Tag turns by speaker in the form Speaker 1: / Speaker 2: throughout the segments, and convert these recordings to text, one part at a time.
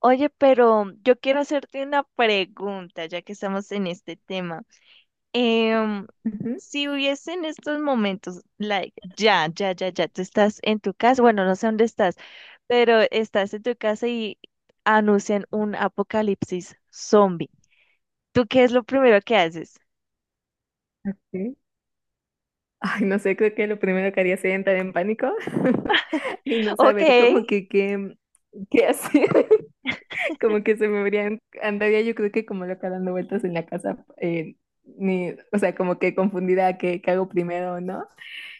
Speaker 1: Oye, pero yo quiero hacerte una pregunta, ya que estamos en este tema. Em,
Speaker 2: Ujú,
Speaker 1: si hubiese en estos momentos, like, ya, tú estás en tu casa, bueno, no sé dónde estás, pero estás en tu casa y anuncian un apocalipsis zombie. ¿Tú qué es lo primero que haces?
Speaker 2: ok. Ay, no sé, creo que lo primero que haría sería entrar en pánico y no
Speaker 1: Ok,
Speaker 2: saber como que qué, qué hacer. Como que se me habrían, andaría yo creo que como loca dando vueltas en la casa, ni, o sea, como que confundida qué, qué hago primero o no.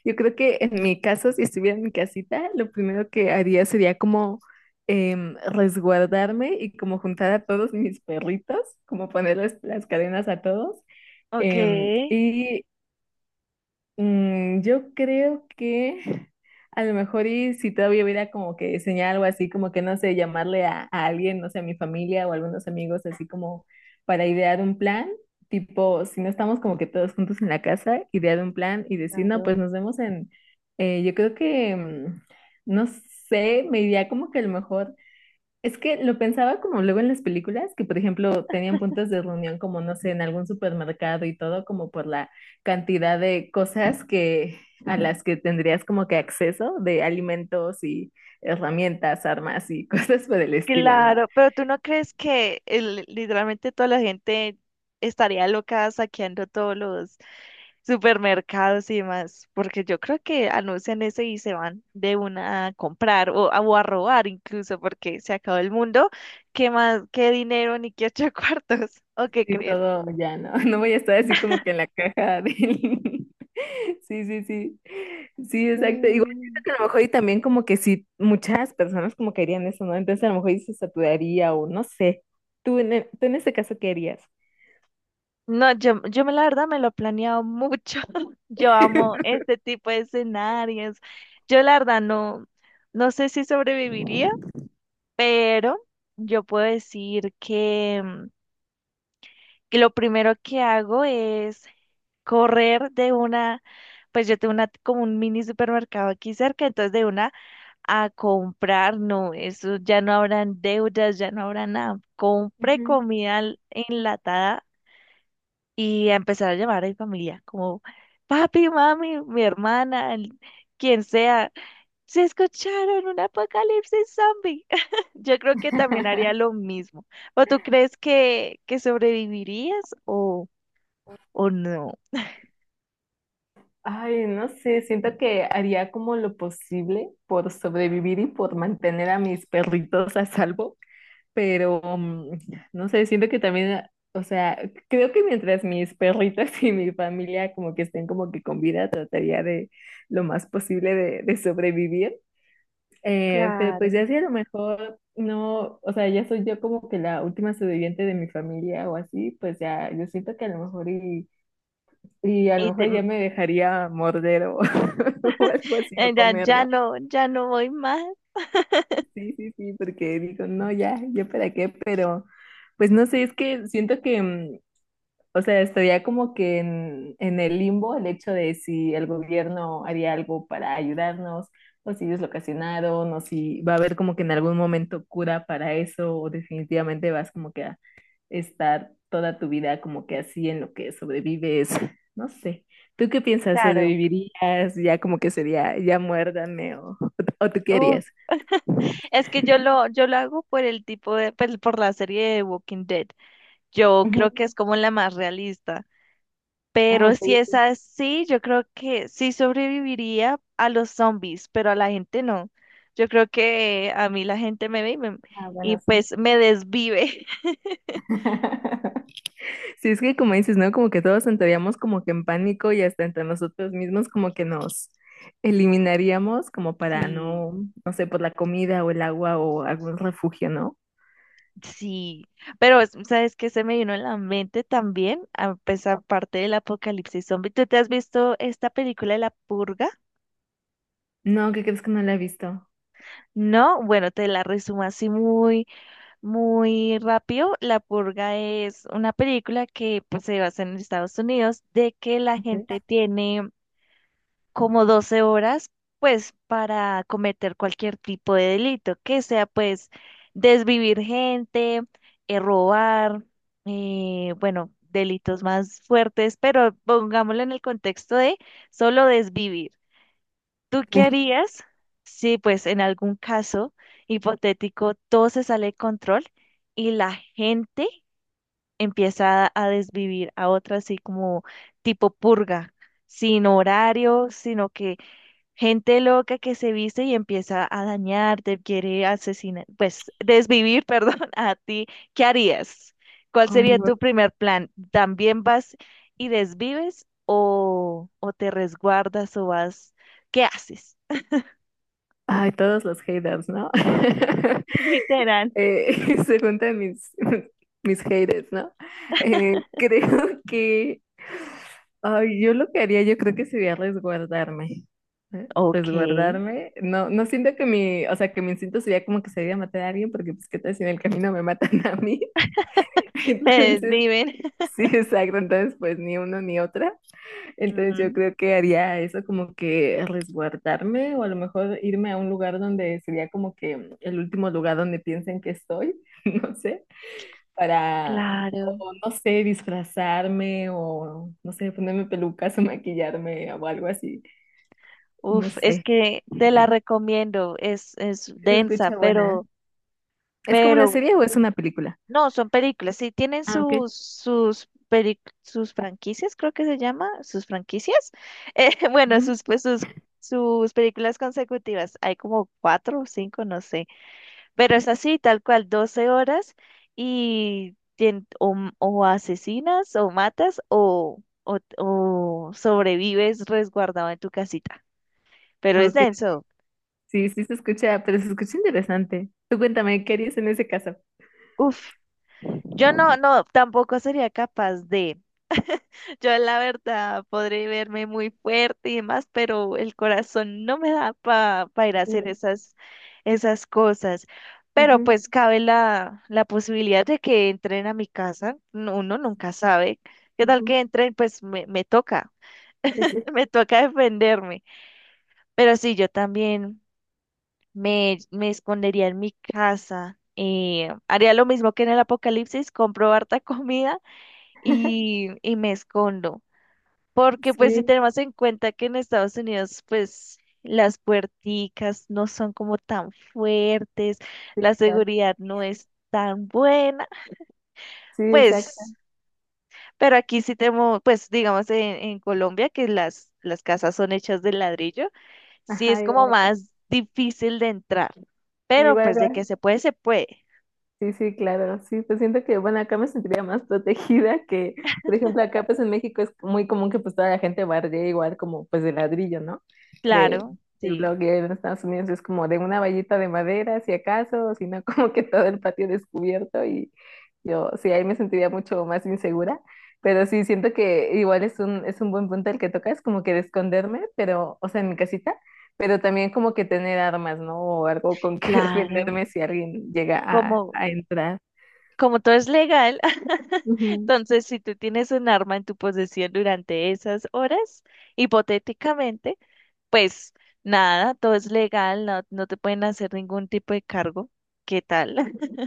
Speaker 2: Yo creo que en mi caso, si estuviera en mi casita, lo primero que haría sería como resguardarme y como juntar a todos mis perritos, como ponerles las cadenas a todos.
Speaker 1: ok,
Speaker 2: em, y yo creo que a lo mejor y si todavía hubiera como que diseñar algo así, como que no sé, llamarle a alguien, no sé, a mi familia o a algunos amigos, así como para idear un plan, tipo, si no estamos como que todos juntos en la casa, idear un plan y decir, no,
Speaker 1: claro.
Speaker 2: pues nos vemos en, yo creo que, no sé, me iría como que a lo mejor es que lo pensaba como luego en las películas, que por ejemplo tenían puntos de reunión como, no sé, en algún supermercado y todo, como por la cantidad de cosas que a las que tendrías como que acceso, de alimentos y herramientas, armas y cosas por el estilo, ¿no?
Speaker 1: Claro, pero ¿tú no crees que literalmente toda la gente estaría loca saqueando todos los supermercados y demás, porque yo creo que anuncian eso y se van de una a comprar o a robar incluso, porque se acabó el mundo, ¿qué más, qué dinero ni qué ocho cuartos? ¿O qué
Speaker 2: Sí,
Speaker 1: crees?
Speaker 2: todo ya, ¿no? No voy a estar así como que en la caja del... Sí, sí, sí. Sí, exacto. Igual
Speaker 1: No.
Speaker 2: siento que a lo mejor y también como que sí, muchas personas como que harían eso, ¿no? Entonces a lo mejor y se saturaría o no sé. ¿Tú en, tú en este caso qué harías?
Speaker 1: No, yo, la verdad me lo he planeado mucho. Yo amo este tipo de escenarios. Yo la verdad no, no sé si sobreviviría, pero yo puedo decir que que lo primero que hago es correr de una, pues yo tengo una, como un mini supermercado aquí cerca, entonces de una a comprar, no, eso ya no habrán deudas, ya no habrá nada. Compré
Speaker 2: Ujú.
Speaker 1: comida enlatada y a empezar a llamar a mi familia, como papi, mami, mi hermana, quien sea, se escucharon un apocalipsis zombie. Yo creo que también haría lo mismo. ¿O tú crees que sobrevivirías o no?
Speaker 2: Ay, no sé, siento que haría como lo posible por sobrevivir y por mantener a mis perritos a salvo. Pero no sé, siento que también, o sea, creo que mientras mis perritos y mi familia como que estén como que con vida, trataría de lo más posible de sobrevivir. Pero pues
Speaker 1: Claro.
Speaker 2: ya si a lo mejor no, o sea, ya soy yo como que la última sobreviviente de mi familia o así, pues ya yo siento que a lo mejor y a lo
Speaker 1: Y
Speaker 2: mejor ya me dejaría morder o algo así o
Speaker 1: Ya, ya
Speaker 2: comerla.
Speaker 1: no, ya no voy más,
Speaker 2: Sí, sí, sí, porque digo, no, ya, yo para qué, pero... Pues no sé, es que siento que, o sea, estaría como que en el limbo el hecho de si el gobierno haría algo para ayudarnos, o si ellos lo ocasionaron, o si va a haber como que en algún momento cura para eso, o definitivamente vas como que a estar toda tu vida como que así en lo que sobrevives. No sé. ¿Tú qué piensas?
Speaker 1: claro.
Speaker 2: ¿Sobrevivirías? Ya como que sería, ya muérdame, ¿tú qué
Speaker 1: Uf,
Speaker 2: harías?
Speaker 1: es que yo lo hago por el tipo de, pues, por la serie de Walking Dead. Yo
Speaker 2: Ujú.
Speaker 1: creo que es como la más realista.
Speaker 2: Ah,
Speaker 1: Pero
Speaker 2: ok.
Speaker 1: si es así, yo creo que sí sobreviviría a los zombies, pero a la gente no. Yo creo que a mí la gente me ve
Speaker 2: Ah,
Speaker 1: y
Speaker 2: bueno, sí.
Speaker 1: pues me desvive.
Speaker 2: Sí, es que como dices, ¿no? Como que todos entraríamos como que en pánico y hasta entre nosotros mismos como que nos eliminaríamos como para
Speaker 1: Sí.
Speaker 2: no, no sé, por la comida o el agua o algún refugio, ¿no?
Speaker 1: Sí, pero ¿sabes qué se me vino en la mente también? A pesar parte del apocalipsis zombie. ¿Tú te has visto esta película de La Purga?
Speaker 2: No, ¿qué crees que no la he visto?
Speaker 1: No, bueno, te la resumo así muy, muy rápido. La Purga es una película que pues, se basa en Estados Unidos de que la
Speaker 2: ¿Qué?
Speaker 1: gente tiene como 12 horas, pues para cometer cualquier tipo de delito, que sea pues desvivir gente, robar, bueno, delitos más fuertes, pero pongámoslo en el contexto de solo desvivir. ¿Tú qué
Speaker 2: ¿Qué?
Speaker 1: harías si pues en algún caso hipotético todo se sale de control y la gente empieza a desvivir a otra así como tipo purga? Sin horario, sino que gente loca que se viste y empieza a dañarte, quiere asesinar, pues desvivir, perdón, a ti. ¿Qué harías? ¿Cuál
Speaker 2: Oh,
Speaker 1: sería
Speaker 2: no.
Speaker 1: tu primer plan? ¿También vas y desvives o te resguardas o vas? ¿Qué haces?
Speaker 2: Ay, todos los haters, ¿no?
Speaker 1: Literal.
Speaker 2: Se juntan mis, mis haters, ¿no? Creo que ay, yo lo que haría, yo creo que sería resguardarme. ¿Eh?
Speaker 1: Ok,
Speaker 2: Resguardarme. No siento que mi, o sea, que mi instinto sería como que sería matar a alguien, porque pues qué tal si en el camino me matan a mí.
Speaker 1: me
Speaker 2: Entonces,
Speaker 1: desviven.
Speaker 2: sí, exacto. Entonces, pues ni uno ni otra. Entonces yo
Speaker 1: Ujú,
Speaker 2: creo que haría eso como que resguardarme o a lo mejor irme a un lugar donde sería como que el último lugar donde piensen que estoy, no sé, para,
Speaker 1: claro.
Speaker 2: o no sé, disfrazarme o no sé, ponerme pelucas o maquillarme o algo así, no
Speaker 1: Uf, es
Speaker 2: sé.
Speaker 1: que te la recomiendo. Es
Speaker 2: Sí, se
Speaker 1: densa,
Speaker 2: escucha buena. ¿Es como una
Speaker 1: pero
Speaker 2: serie o es una película?
Speaker 1: no, son películas, sí, tienen
Speaker 2: Ah, ok.
Speaker 1: sus sus franquicias, creo que se llama, sus franquicias. Bueno,
Speaker 2: Ujú.
Speaker 1: sus, pues, sus, sus películas consecutivas, hay como 4 o 5, no sé, pero es así, tal cual, 12 horas y o asesinas o matas o sobrevives resguardado en tu casita, pero
Speaker 2: Ah,
Speaker 1: es
Speaker 2: ok,
Speaker 1: denso.
Speaker 2: sí, sí se escucha, pero se escucha interesante. Tú cuéntame, ¿qué harías en ese caso?
Speaker 1: Uf, yo no, no, tampoco sería capaz de... Yo la verdad podré verme muy fuerte y demás, pero el corazón no me da para ir a hacer esas, esas cosas. Pero
Speaker 2: Ujú,
Speaker 1: pues cabe la posibilidad de que entren a mi casa. Uno nunca sabe. ¿Qué tal
Speaker 2: ujú.
Speaker 1: que entren? Pues me toca,
Speaker 2: Sí, sí.
Speaker 1: me toca defenderme. Pero sí, yo también me escondería en mi casa. Haría lo mismo que en el apocalipsis, compro harta comida y me escondo. Porque pues si
Speaker 2: Sí,
Speaker 1: tenemos en cuenta que en Estados Unidos pues las puerticas no son como tan fuertes,
Speaker 2: sí,
Speaker 1: la
Speaker 2: claro.
Speaker 1: seguridad no es tan buena,
Speaker 2: Sí, exacto.
Speaker 1: pues, pero aquí sí tenemos, pues digamos en Colombia que las casas son hechas de ladrillo, sí
Speaker 2: Ajá,
Speaker 1: es como
Speaker 2: igual acá.
Speaker 1: más difícil de entrar, pero
Speaker 2: Igual
Speaker 1: pues de
Speaker 2: acá.
Speaker 1: que se puede, se puede.
Speaker 2: Sí, sí, claro, sí, pues siento que, bueno, acá me sentiría más protegida que, por ejemplo, acá pues en México es muy común que pues toda la gente bardee igual como pues de ladrillo, ¿no? De,
Speaker 1: Claro,
Speaker 2: de
Speaker 1: sí,
Speaker 2: blog y en Estados Unidos es como de una vallita de madera, si acaso, o si no, como que todo el patio descubierto y yo, sí, ahí me sentiría mucho más insegura, pero sí, siento que igual es un buen punto el que tocas, como que de esconderme, pero, o sea, en mi casita pero también como que tener armas, ¿no? O algo con que
Speaker 1: claro.
Speaker 2: defenderme si alguien llega
Speaker 1: Como,
Speaker 2: a entrar.
Speaker 1: como todo es legal,
Speaker 2: Ujú.
Speaker 1: entonces si tú tienes un arma en tu posesión durante esas horas, hipotéticamente, pues nada, todo es legal, no, no te pueden hacer ningún tipo de cargo. ¿Qué tal?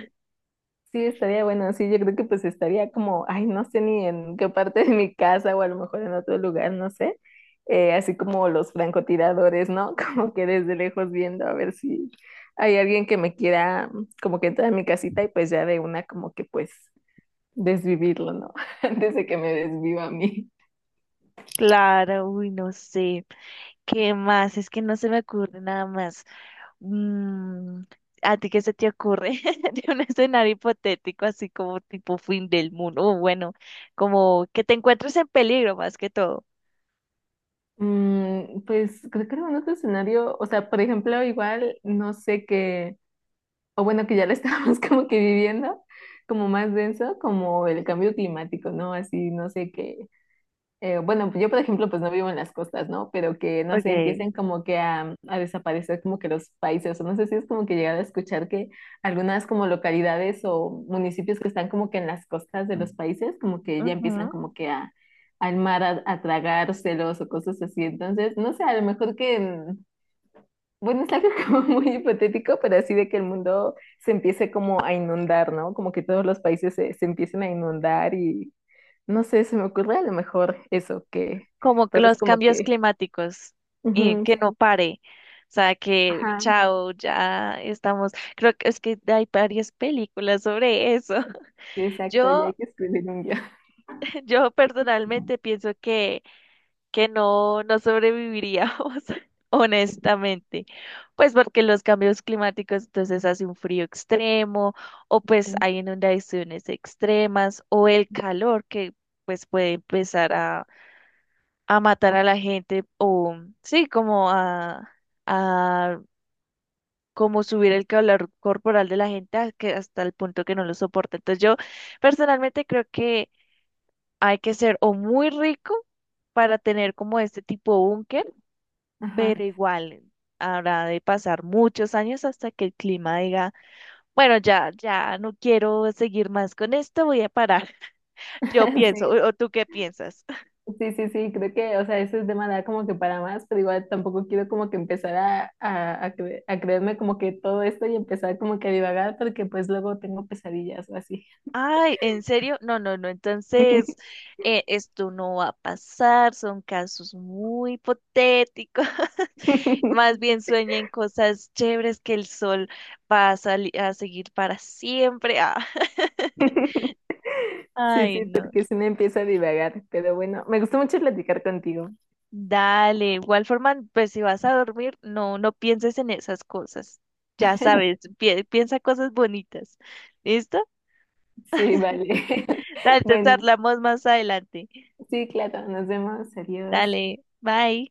Speaker 2: Sí, estaría bueno. Sí, yo creo que pues estaría como, ay, no sé ni en qué parte de mi casa o a lo mejor en otro lugar, no sé. Así como los francotiradores, ¿no? Como que desde lejos viendo a ver si hay alguien que me quiera como que entrar a mi casita y pues ya de una como que pues desvivirlo, ¿no? Antes de que me desviva a mí.
Speaker 1: Claro, uy, no sé. ¿Qué más? Es que no se me ocurre nada más. Mm, ¿a ti qué se te ocurre de un escenario hipotético así como tipo fin del mundo? O bueno, como que te encuentres en peligro más que todo.
Speaker 2: Mm, pues creo que en un otro escenario, o sea, por ejemplo, igual no sé qué, o bueno, que ya lo estábamos como que viviendo, como más denso, como el cambio climático, ¿no? Así, no sé qué, bueno, yo por ejemplo, pues no vivo en las costas, ¿no? Pero que, no sé,
Speaker 1: Ok.
Speaker 2: empiecen como que a desaparecer como que los países, o no sé si es como que llegar a escuchar que algunas como localidades o municipios que están como que en las costas de los países, como que ya empiezan
Speaker 1: Ujú.
Speaker 2: como que a, al mar a tragárselos o cosas así. Entonces, no sé, a lo mejor que, bueno, es algo como muy hipotético, pero así de que el mundo se empiece como a inundar, ¿no? Como que todos los países se empiecen a inundar y no sé, se me ocurre a lo mejor eso, que
Speaker 1: Como que
Speaker 2: todos
Speaker 1: los
Speaker 2: como
Speaker 1: cambios
Speaker 2: que...
Speaker 1: climáticos y
Speaker 2: ujú,
Speaker 1: que
Speaker 2: sí,
Speaker 1: no pare. O sea, que
Speaker 2: ajá,
Speaker 1: chao, ya estamos. Creo que es que hay varias películas sobre eso.
Speaker 2: sí, exacto, ya hay
Speaker 1: Yo,
Speaker 2: que escribir un guión.
Speaker 1: yo personalmente pienso que no, no sobreviviríamos, honestamente. Pues porque los cambios climáticos, entonces hace un frío extremo, o pues
Speaker 2: Ujú,
Speaker 1: hay inundaciones extremas, o el calor que pues puede empezar a matar a la gente o sí, como a como subir el calor corporal de la gente a hasta el punto que no lo soporta. Entonces yo personalmente creo que hay que ser o muy rico para tener como este tipo búnker, pero
Speaker 2: ajá,
Speaker 1: igual habrá de pasar muchos años hasta que el clima diga, bueno, ya, ya no quiero seguir más con esto, voy a parar. Yo pienso,
Speaker 2: sí,
Speaker 1: o tú qué piensas?
Speaker 2: sí, sí, sí, creo que, o sea, ese tema da como que para más, pero igual tampoco quiero como que empezar a creerme como que todo esto y empezar como que a divagar, porque pues luego tengo pesadillas o así.
Speaker 1: Ay, ¿en serio? No, no, no. Entonces, esto no va a pasar. Son casos muy hipotéticos. Más bien sueña en cosas chéveres que el sol va a seguir para siempre. Ah.
Speaker 2: Sí,
Speaker 1: Ay,
Speaker 2: sí,
Speaker 1: no.
Speaker 2: porque si me empieza a divagar, pero bueno, me gustó mucho platicar contigo.
Speaker 1: Dale, igual forma, pues si vas a dormir, no, no pienses en esas cosas. Ya sabes, piensa cosas bonitas. ¿Listo?
Speaker 2: Sí, vale.
Speaker 1: Dale, te
Speaker 2: Bueno.
Speaker 1: charlamos más adelante.
Speaker 2: Sí, claro, nos vemos, adiós.
Speaker 1: Dale, bye.